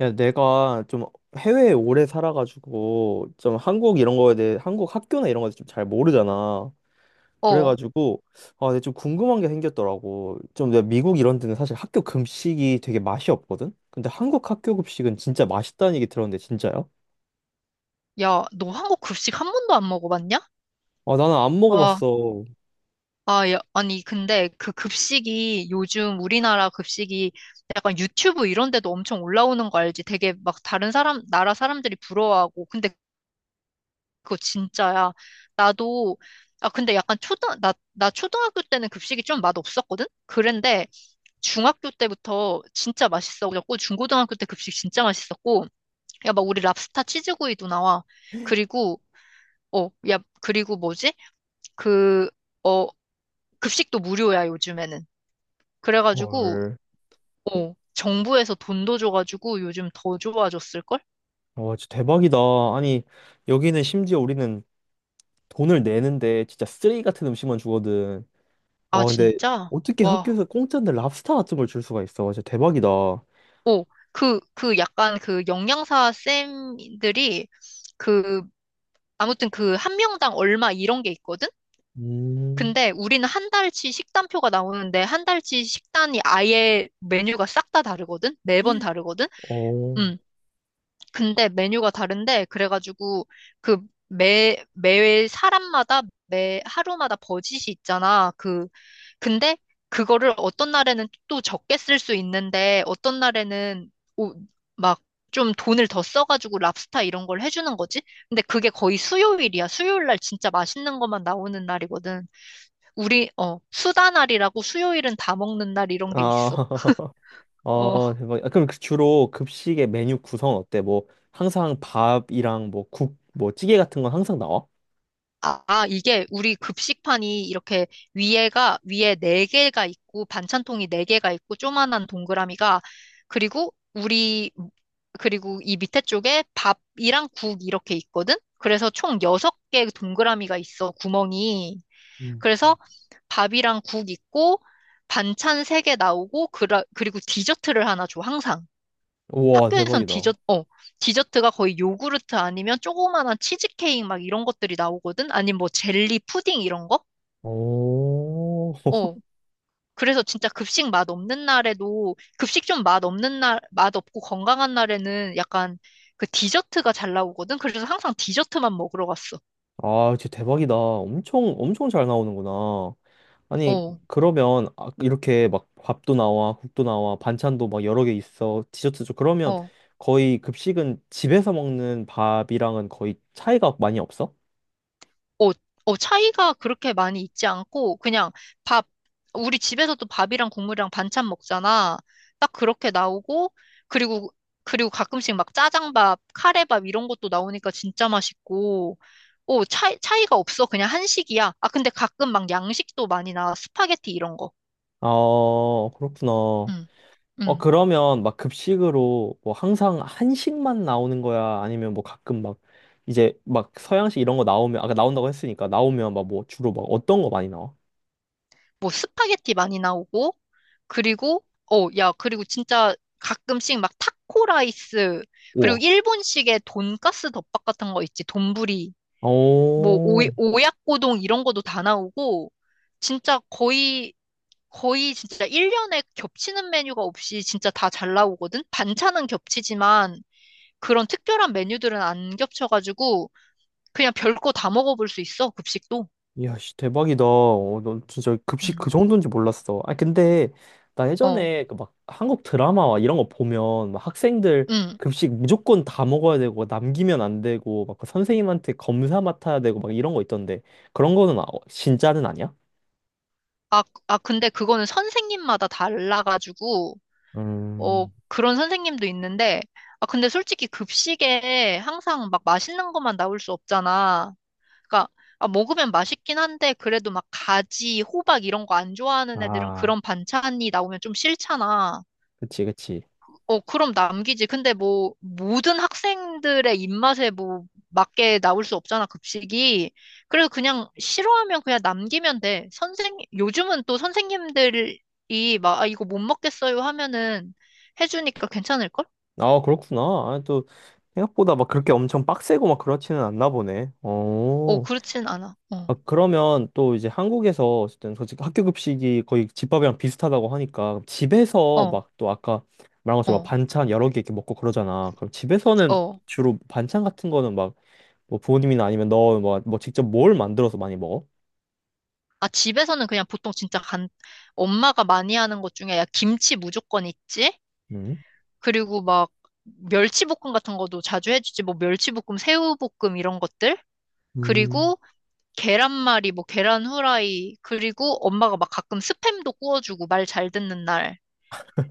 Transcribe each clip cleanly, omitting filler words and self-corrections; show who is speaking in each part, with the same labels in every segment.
Speaker 1: 야, 내가 좀 해외에 오래 살아가지고 좀 한국 이런 거에 대해 한국 학교나 이런 거에 좀 잘 모르잖아.
Speaker 2: 어,
Speaker 1: 그래가지고 아, 내가 좀 궁금한 게 생겼더라고. 좀 내가 미국 이런 데는 사실 학교 급식이 되게 맛이 없거든. 근데 한국 학교 급식은 진짜 맛있다는 얘기 들었는데 진짜요?
Speaker 2: 야, 너 한국 급식 한 번도 안 먹어봤냐?
Speaker 1: 아, 나는 안
Speaker 2: 와,
Speaker 1: 먹어봤어.
Speaker 2: 아, 야, 아니, 근데 그 급식이 요즘 우리나라 급식이 약간 유튜브 이런 데도 엄청 올라오는 거 알지? 되게 막 다른 사람, 나라 사람들이 부러워하고. 근데 그거 진짜야. 나도, 아, 근데 약간 나 초등학교 때는 급식이 좀 맛없었거든? 그런데 중학교 때부터 진짜 맛있어졌고, 중고등학교 때 급식 진짜 맛있었고, 야, 막 우리 랍스타 치즈구이도 나와. 그리고 어, 야, 그리고 뭐지? 그, 어, 급식도 무료야, 요즘에는. 그래가지고,
Speaker 1: 헐.
Speaker 2: 어, 정부에서 돈도 줘가지고 요즘 더 좋아졌을걸?
Speaker 1: 와, 진짜 대박이다. 아니, 여기는 심지어 우리는 돈을 내는데 진짜 쓰레기 같은 음식만 주거든.
Speaker 2: 아,
Speaker 1: 와, 근데
Speaker 2: 진짜?
Speaker 1: 어떻게
Speaker 2: 와,
Speaker 1: 학교에서 공짜인데 랍스타 같은 걸 줄 수가 있어. 진짜 대박이다.
Speaker 2: 어, 그, 그 약간 그 영양사 쌤들이 그, 아무튼 그 한 명당 얼마 이런 게 있거든?
Speaker 1: 음.
Speaker 2: 근데 우리는 한 달치 식단표가 나오는데 한 달치 식단이 아예 메뉴가 싹 다 다르거든? 매번 다르거든?
Speaker 1: 어.
Speaker 2: 응. 근데 메뉴가 다른데 그래가지고 그 매 사람마다 매 하루마다 버짓이 있잖아. 그 근데 그거를 어떤 날에는 또 적게 쓸 수 있는데 어떤 날에는 막 좀 돈을 더 써가지고 랍스타 이런 걸 해주는 거지. 근데 그게 거의 수요일이야. 수요일 날 진짜 맛있는 것만 나오는 날이거든. 우리 어 수다 날이라고 수요일은 다 먹는 날 이런 게
Speaker 1: 아,
Speaker 2: 있어. 어.
Speaker 1: 아, 대박. 아, 그럼 그 주로 급식의 메뉴 구성은 어때? 뭐, 항상 밥이랑 뭐, 국, 뭐, 찌개 같은 건 항상 나와?
Speaker 2: 아, 아, 이게 우리 급식판이 이렇게 위에가, 위에 네 개가 있고, 반찬통이 네 개가 있고, 조그만한 동그라미가, 그리고 우리, 그리고 이 밑에 쪽에 밥이랑 국 이렇게 있거든? 그래서 총 여섯 개 동그라미가 있어, 구멍이.
Speaker 1: 음.
Speaker 2: 그래서 밥이랑 국 있고, 반찬 세 개 나오고, 그리고 디저트를 하나 줘, 항상.
Speaker 1: 우와,
Speaker 2: 학교에선
Speaker 1: 대박이다.
Speaker 2: 디저트, 어, 디저트가 거의 요구르트 아니면 조그만한 치즈케이크 막 이런 것들이 나오거든? 아니면 뭐 젤리, 푸딩 이런 거?
Speaker 1: 오,
Speaker 2: 어. 그래서 진짜 급식 맛 없는 날에도, 급식 좀 맛 없는 날, 맛 없고 건강한 날에는 약간 그 디저트가 잘 나오거든? 그래서 항상 디저트만 먹으러 갔어.
Speaker 1: 아, 진짜 대박이다. 엄청, 엄청 잘 나오는구나. 아니,
Speaker 2: 어,
Speaker 1: 그러면 아, 이렇게 막 밥도 나와, 국도 나와, 반찬도 막 여러 개 있어, 디저트죠 그러면
Speaker 2: 어.
Speaker 1: 거의 급식은 집에서 먹는 밥이랑은 거의 차이가 많이 없어?
Speaker 2: 어, 어, 차이가 그렇게 많이 있지 않고, 그냥 밥, 우리 집에서도 밥이랑 국물이랑 반찬 먹잖아. 딱 그렇게 나오고, 그리고, 그리고 가끔씩 막 짜장밥, 카레밥 이런 것도 나오니까 진짜 맛있고, 어, 차이가 없어. 그냥 한식이야. 아, 근데 가끔 막 양식도 많이 나와. 스파게티 이런 거.
Speaker 1: 아, 그렇구나.
Speaker 2: 응,
Speaker 1: 어,
Speaker 2: 응.
Speaker 1: 그러면 막 급식으로 뭐 항상 한식만 나오는 거야? 아니면 뭐 가끔 막 이제 막 서양식 이런 거 나오면, 아까 나온다고 했으니까 나오면 막 뭐 주로 막 어떤 거 많이 나와?
Speaker 2: 뭐 스파게티 많이 나오고 그리고 어, 야, 그리고 진짜 가끔씩 막 타코 라이스 그리고
Speaker 1: 우와.
Speaker 2: 일본식의 돈가스 덮밥 같은 거 있지. 돈부리 뭐 오,
Speaker 1: 오.
Speaker 2: 오약고동 이런 것도 다 나오고 진짜 거의 거의 진짜 1년에 겹치는 메뉴가 없이 진짜 다 잘 나오거든. 반찬은 겹치지만 그런 특별한 메뉴들은 안 겹쳐가지고 그냥 별거 다 먹어볼 수 있어. 급식도.
Speaker 1: 이야, 씨, 대박이다. 어, 넌 진짜 급식 그
Speaker 2: 음.
Speaker 1: 정도인지 몰랐어. 아, 근데 나
Speaker 2: 어.
Speaker 1: 예전에 그 막 한국 드라마와 이런 거 보면 막 학생들
Speaker 2: 음.
Speaker 1: 급식 무조건 다 먹어야 되고 남기면 안 되고 막그 선생님한테 검사 맡아야 되고 막 이런 거 있던데 그런 거는 진짜는 아니야?
Speaker 2: 아, 아, 근데 그거는 선생님마다 달라가지고, 어,
Speaker 1: 음.
Speaker 2: 그런 선생님도 있는데, 아, 근데 솔직히 급식에 항상 막 맛있는 것만 나올 수 없잖아. 그러니까, 아, 먹으면 맛있긴 한데, 그래도 막 가지, 호박 이런 거 안 좋아하는 애들은
Speaker 1: 아,
Speaker 2: 그런 반찬이 나오면 좀 싫잖아.
Speaker 1: 그치, 그치.
Speaker 2: 어, 그럼 남기지. 근데 뭐, 모든 학생들의 입맛에 뭐, 맞게 나올 수 없잖아, 급식이. 그래서 그냥 싫어하면 그냥 남기면 돼. 선생, 요즘은 또 선생님들이 막, 아, 이거 못 먹겠어요 하면은 해주니까 괜찮을걸?
Speaker 1: 아, 그렇구나. 아, 또 생각보다 막 그렇게 엄청 빡세고 막 그렇지는 않나 보네.
Speaker 2: 어,
Speaker 1: 어.
Speaker 2: 그렇진 않아. 어,
Speaker 1: 아, 그러면 또 이제 한국에서 어쨌든 솔직히 학교 급식이 거의 집밥이랑 비슷하다고 하니까 집에서
Speaker 2: 어,
Speaker 1: 막 또 아까 말한 것처럼 막
Speaker 2: 어,
Speaker 1: 반찬 여러 개 이렇게 먹고 그러잖아. 그럼 집에서는
Speaker 2: 어.
Speaker 1: 주로 반찬 같은 거는 막 뭐 부모님이나 아니면 너 뭐 직접 뭘 만들어서 많이 먹어?
Speaker 2: 아, 집에서는 그냥 보통 진짜 간, 엄마가 많이 하는 것 중에 야, 김치 무조건 있지?
Speaker 1: 음.
Speaker 2: 그리고 막, 멸치볶음 같은 것도 자주 해주지. 뭐, 멸치볶음, 새우볶음 이런 것들?
Speaker 1: 음.
Speaker 2: 그리고 계란말이, 뭐 계란 후라이, 그리고 엄마가 막 가끔 스팸도 구워주고 말 잘 듣는 날.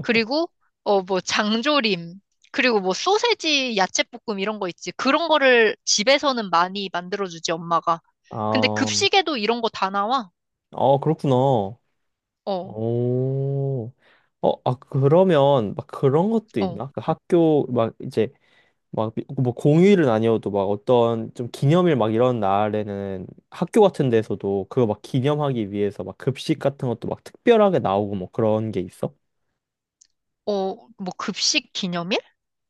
Speaker 2: 그리고 어 뭐 장조림, 그리고 뭐 소세지, 야채볶음 이런 거 있지. 그런 거를 집에서는 많이 만들어주지 엄마가. 근데
Speaker 1: 아,
Speaker 2: 급식에도 이런 거 다 나와.
Speaker 1: 아 그렇구나.
Speaker 2: 어,
Speaker 1: 오. 어, 아, 그러면 막 그런 것도
Speaker 2: 어,
Speaker 1: 있나? 그 학교 막 이제 막, 뭐 공휴일은 아니어도 막 어떤 좀 기념일 막 이런 날에는 학교 같은 데서도 그거 막 기념하기 위해서 막 급식 같은 것도 막 특별하게 나오고 뭐 그런 게 있어?
Speaker 2: 어, 뭐 급식 기념일?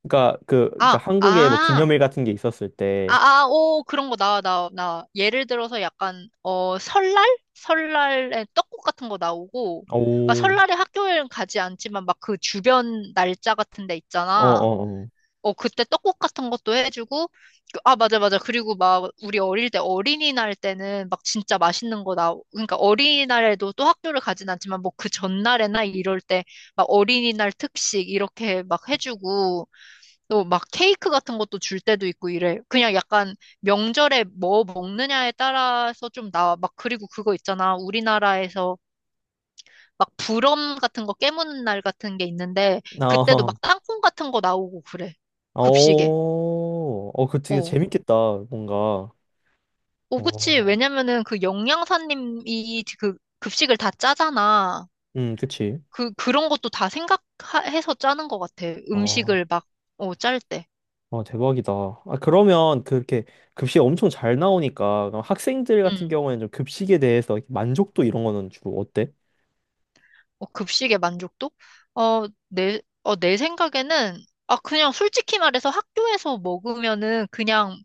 Speaker 1: 그러니까 그러니까
Speaker 2: 아,
Speaker 1: 한국에 뭐
Speaker 2: 아.
Speaker 1: 기념일 같은 게 있었을 때,
Speaker 2: 아, 아, 오, 그런 거 나와, 나와, 나와. 예를 들어서 약간, 어, 설날? 설날에 떡국 같은 거 나오고, 그러니까
Speaker 1: 오.
Speaker 2: 설날에 학교에는 가지 않지만 막 그 주변 날짜 같은 데
Speaker 1: 어,
Speaker 2: 있잖아.
Speaker 1: 어, 어.
Speaker 2: 어, 그때 떡국 같은 것도 해주고, 그- 아, 맞아, 맞아. 그리고 막 우리 어릴 때 어린이날 때는 막 진짜 맛있는 거 나오, 그러니까 어린이날에도 또 학교를 가진 않지만 뭐 그 전날에나 이럴 때 막 어린이날 특식 이렇게 막 해주고, 또 막 케이크 같은 것도 줄 때도 있고 이래. 그냥 약간 명절에 뭐 먹느냐에 따라서 좀 나와. 막 그리고 그거 있잖아. 우리나라에서 막 불엄 같은 거 깨무는 날 같은 게 있는데 그때도
Speaker 1: 어,
Speaker 2: 막 땅콩 같은 거 나오고 그래. 급식에.
Speaker 1: 어. 어, 그 되게
Speaker 2: 어.
Speaker 1: 재밌겠다, 뭔가.
Speaker 2: 어, 그치.
Speaker 1: 어.
Speaker 2: 왜냐면은 그 영양사님이 그 급식을 다 짜잖아.
Speaker 1: 그치.
Speaker 2: 그, 그런 것도 다 생각해서 짜는 것 같아.
Speaker 1: 어.
Speaker 2: 음식을 막, 어, 짤 때.
Speaker 1: 아 대박이다. 아, 그러면 그렇게 급식이 엄청 잘 나오니까 그럼 학생들 같은
Speaker 2: 응.
Speaker 1: 경우에는 좀 급식에 대해서 이렇게 만족도 이런 거는 주로 어때?
Speaker 2: 어, 급식의 만족도? 어, 내, 어, 내 생각에는, 아, 그냥 솔직히 말해서 학교에서 먹으면은 그냥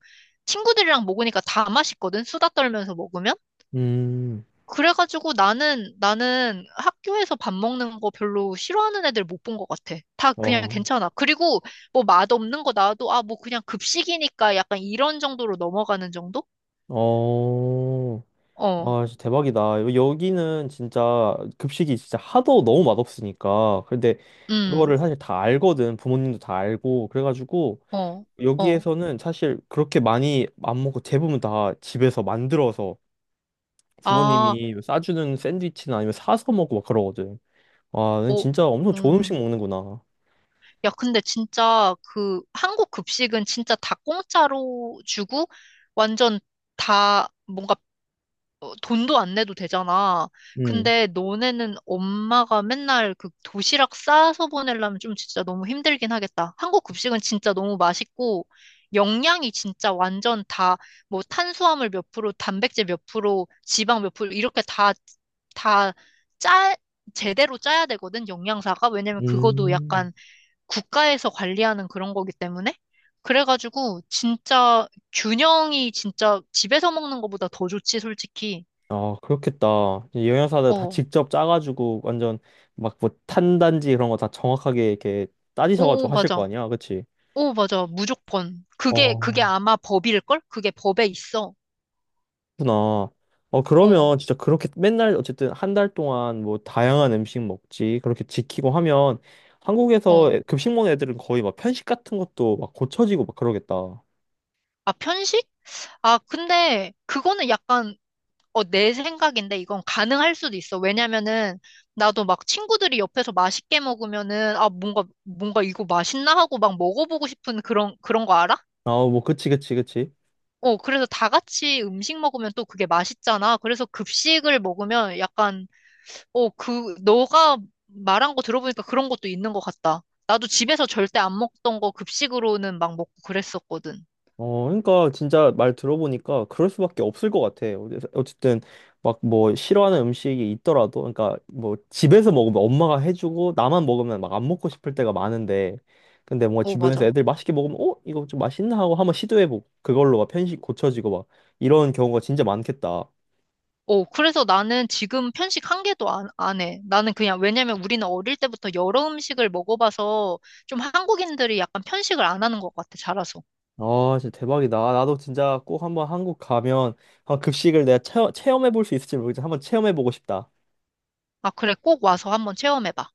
Speaker 2: 친구들이랑 먹으니까 다 맛있거든? 수다 떨면서 먹으면?
Speaker 1: 음.
Speaker 2: 그래가지고 나는 학교에서 밥 먹는 거 별로 싫어하는 애들 못 본 것 같아. 다 그냥
Speaker 1: 어.
Speaker 2: 괜찮아. 그리고 뭐 맛없는 거 나와도, 아, 뭐 그냥 급식이니까 약간 이런 정도로 넘어가는 정도?
Speaker 1: 어.
Speaker 2: 어,
Speaker 1: 와, 진짜 대박이다. 여기는 진짜 급식이 진짜 하도 너무 맛없으니까. 근데
Speaker 2: 음,
Speaker 1: 그거를 사실 다 알거든. 부모님도 다 알고. 그래가지고
Speaker 2: 어, 어.
Speaker 1: 여기에서는 사실 그렇게 많이 안 먹고 대부분 다 집에서 만들어서
Speaker 2: 아,
Speaker 1: 부모님이 뭐 싸주는 샌드위치나 아니면 사서 먹고 막 그러거든. 와, 넌
Speaker 2: 어,
Speaker 1: 진짜 엄청 좋은 음식
Speaker 2: 음.
Speaker 1: 먹는구나.
Speaker 2: 야, 근데 진짜 그 한국 급식은 진짜 다 공짜로 주고 완전 다 뭔가 어, 돈도 안 내도 되잖아.
Speaker 1: 음.
Speaker 2: 근데 너네는 엄마가 맨날 그 도시락 싸서 보내려면 좀 진짜 너무 힘들긴 하겠다. 한국 급식은 진짜 너무 맛있고 영양이 진짜 완전 다 뭐 탄수화물 몇 프로, 단백질 몇 프로, 지방 몇 프로 이렇게 다 다 짜 제대로 짜야 되거든, 영양사가. 왜냐면 그것도
Speaker 1: 음.
Speaker 2: 약간 국가에서 관리하는 그런 거기 때문에 그래가지고 진짜 균형이 진짜 집에서 먹는 것보다 더 좋지 솔직히.
Speaker 1: 아, 그렇겠다. 이 영양사들 다
Speaker 2: 어,
Speaker 1: 직접 짜가지고 완전 막 뭐 탄단지 그런 거 다 정확하게 이렇게 따지셔가지고
Speaker 2: 오
Speaker 1: 하실 거
Speaker 2: 맞아,
Speaker 1: 아니야, 그치?
Speaker 2: 오 맞아, 무조건 그게
Speaker 1: 어,
Speaker 2: 그게 아마 법일걸? 그게 법에 있어.
Speaker 1: 그렇구나. 어,
Speaker 2: 어,
Speaker 1: 그러면 진짜 그렇게 맨날 어쨌든 한 달 동안 뭐 다양한 음식 먹지, 그렇게 지키고 하면 한국에서
Speaker 2: 어.
Speaker 1: 급식 먹는 애들은 거의 막 편식 같은 것도 막 고쳐지고 막 그러겠다.
Speaker 2: 아 편식? 아 근데 그거는 약간 어, 내 생각인데 이건 가능할 수도 있어. 왜냐면은 나도 막 친구들이 옆에서 맛있게 먹으면은 아 뭔가 뭔가 이거 맛있나 하고 막 먹어보고 싶은 그런 거 알아?
Speaker 1: 아, 뭐, 그치, 그치, 그치.
Speaker 2: 어, 그래서 다 같이 음식 먹으면 또 그게 맛있잖아. 그래서 급식을 먹으면 약간, 어, 그, 너가 말한 거 들어보니까 그런 것도 있는 것 같다. 나도 집에서 절대 안 먹던 거 급식으로는 막 먹고 그랬었거든.
Speaker 1: 어, 그러니까 진짜 말 들어보니까 그럴 수밖에 없을 것 같아. 어쨌든 막 뭐 싫어하는 음식이 있더라도, 그러니까 뭐 집에서 먹으면 엄마가 해주고 나만 먹으면 막 안 먹고 싶을 때가 많은데, 근데 뭔가
Speaker 2: 어,
Speaker 1: 주변에서
Speaker 2: 맞아.
Speaker 1: 애들 맛있게 먹으면 어 이거 좀 맛있나 하고 한번 시도해보고 그걸로 막 편식 고쳐지고 막 이런 경우가 진짜 많겠다.
Speaker 2: 어, 그래서 나는 지금 편식 한 개도 안 해. 나는 그냥, 왜냐면 우리는 어릴 때부터 여러 음식을 먹어봐서 좀 한국인들이 약간 편식을 안 하는 것 같아, 자라서.
Speaker 1: 아, 진짜 대박이다. 아, 나도 진짜 꼭 한번 한국 가면 한번 급식을 내가 체험해볼 수 있을지 모르겠지만 한번 체험해보고 싶다.
Speaker 2: 아, 그래, 꼭 와서 한번 체험해봐.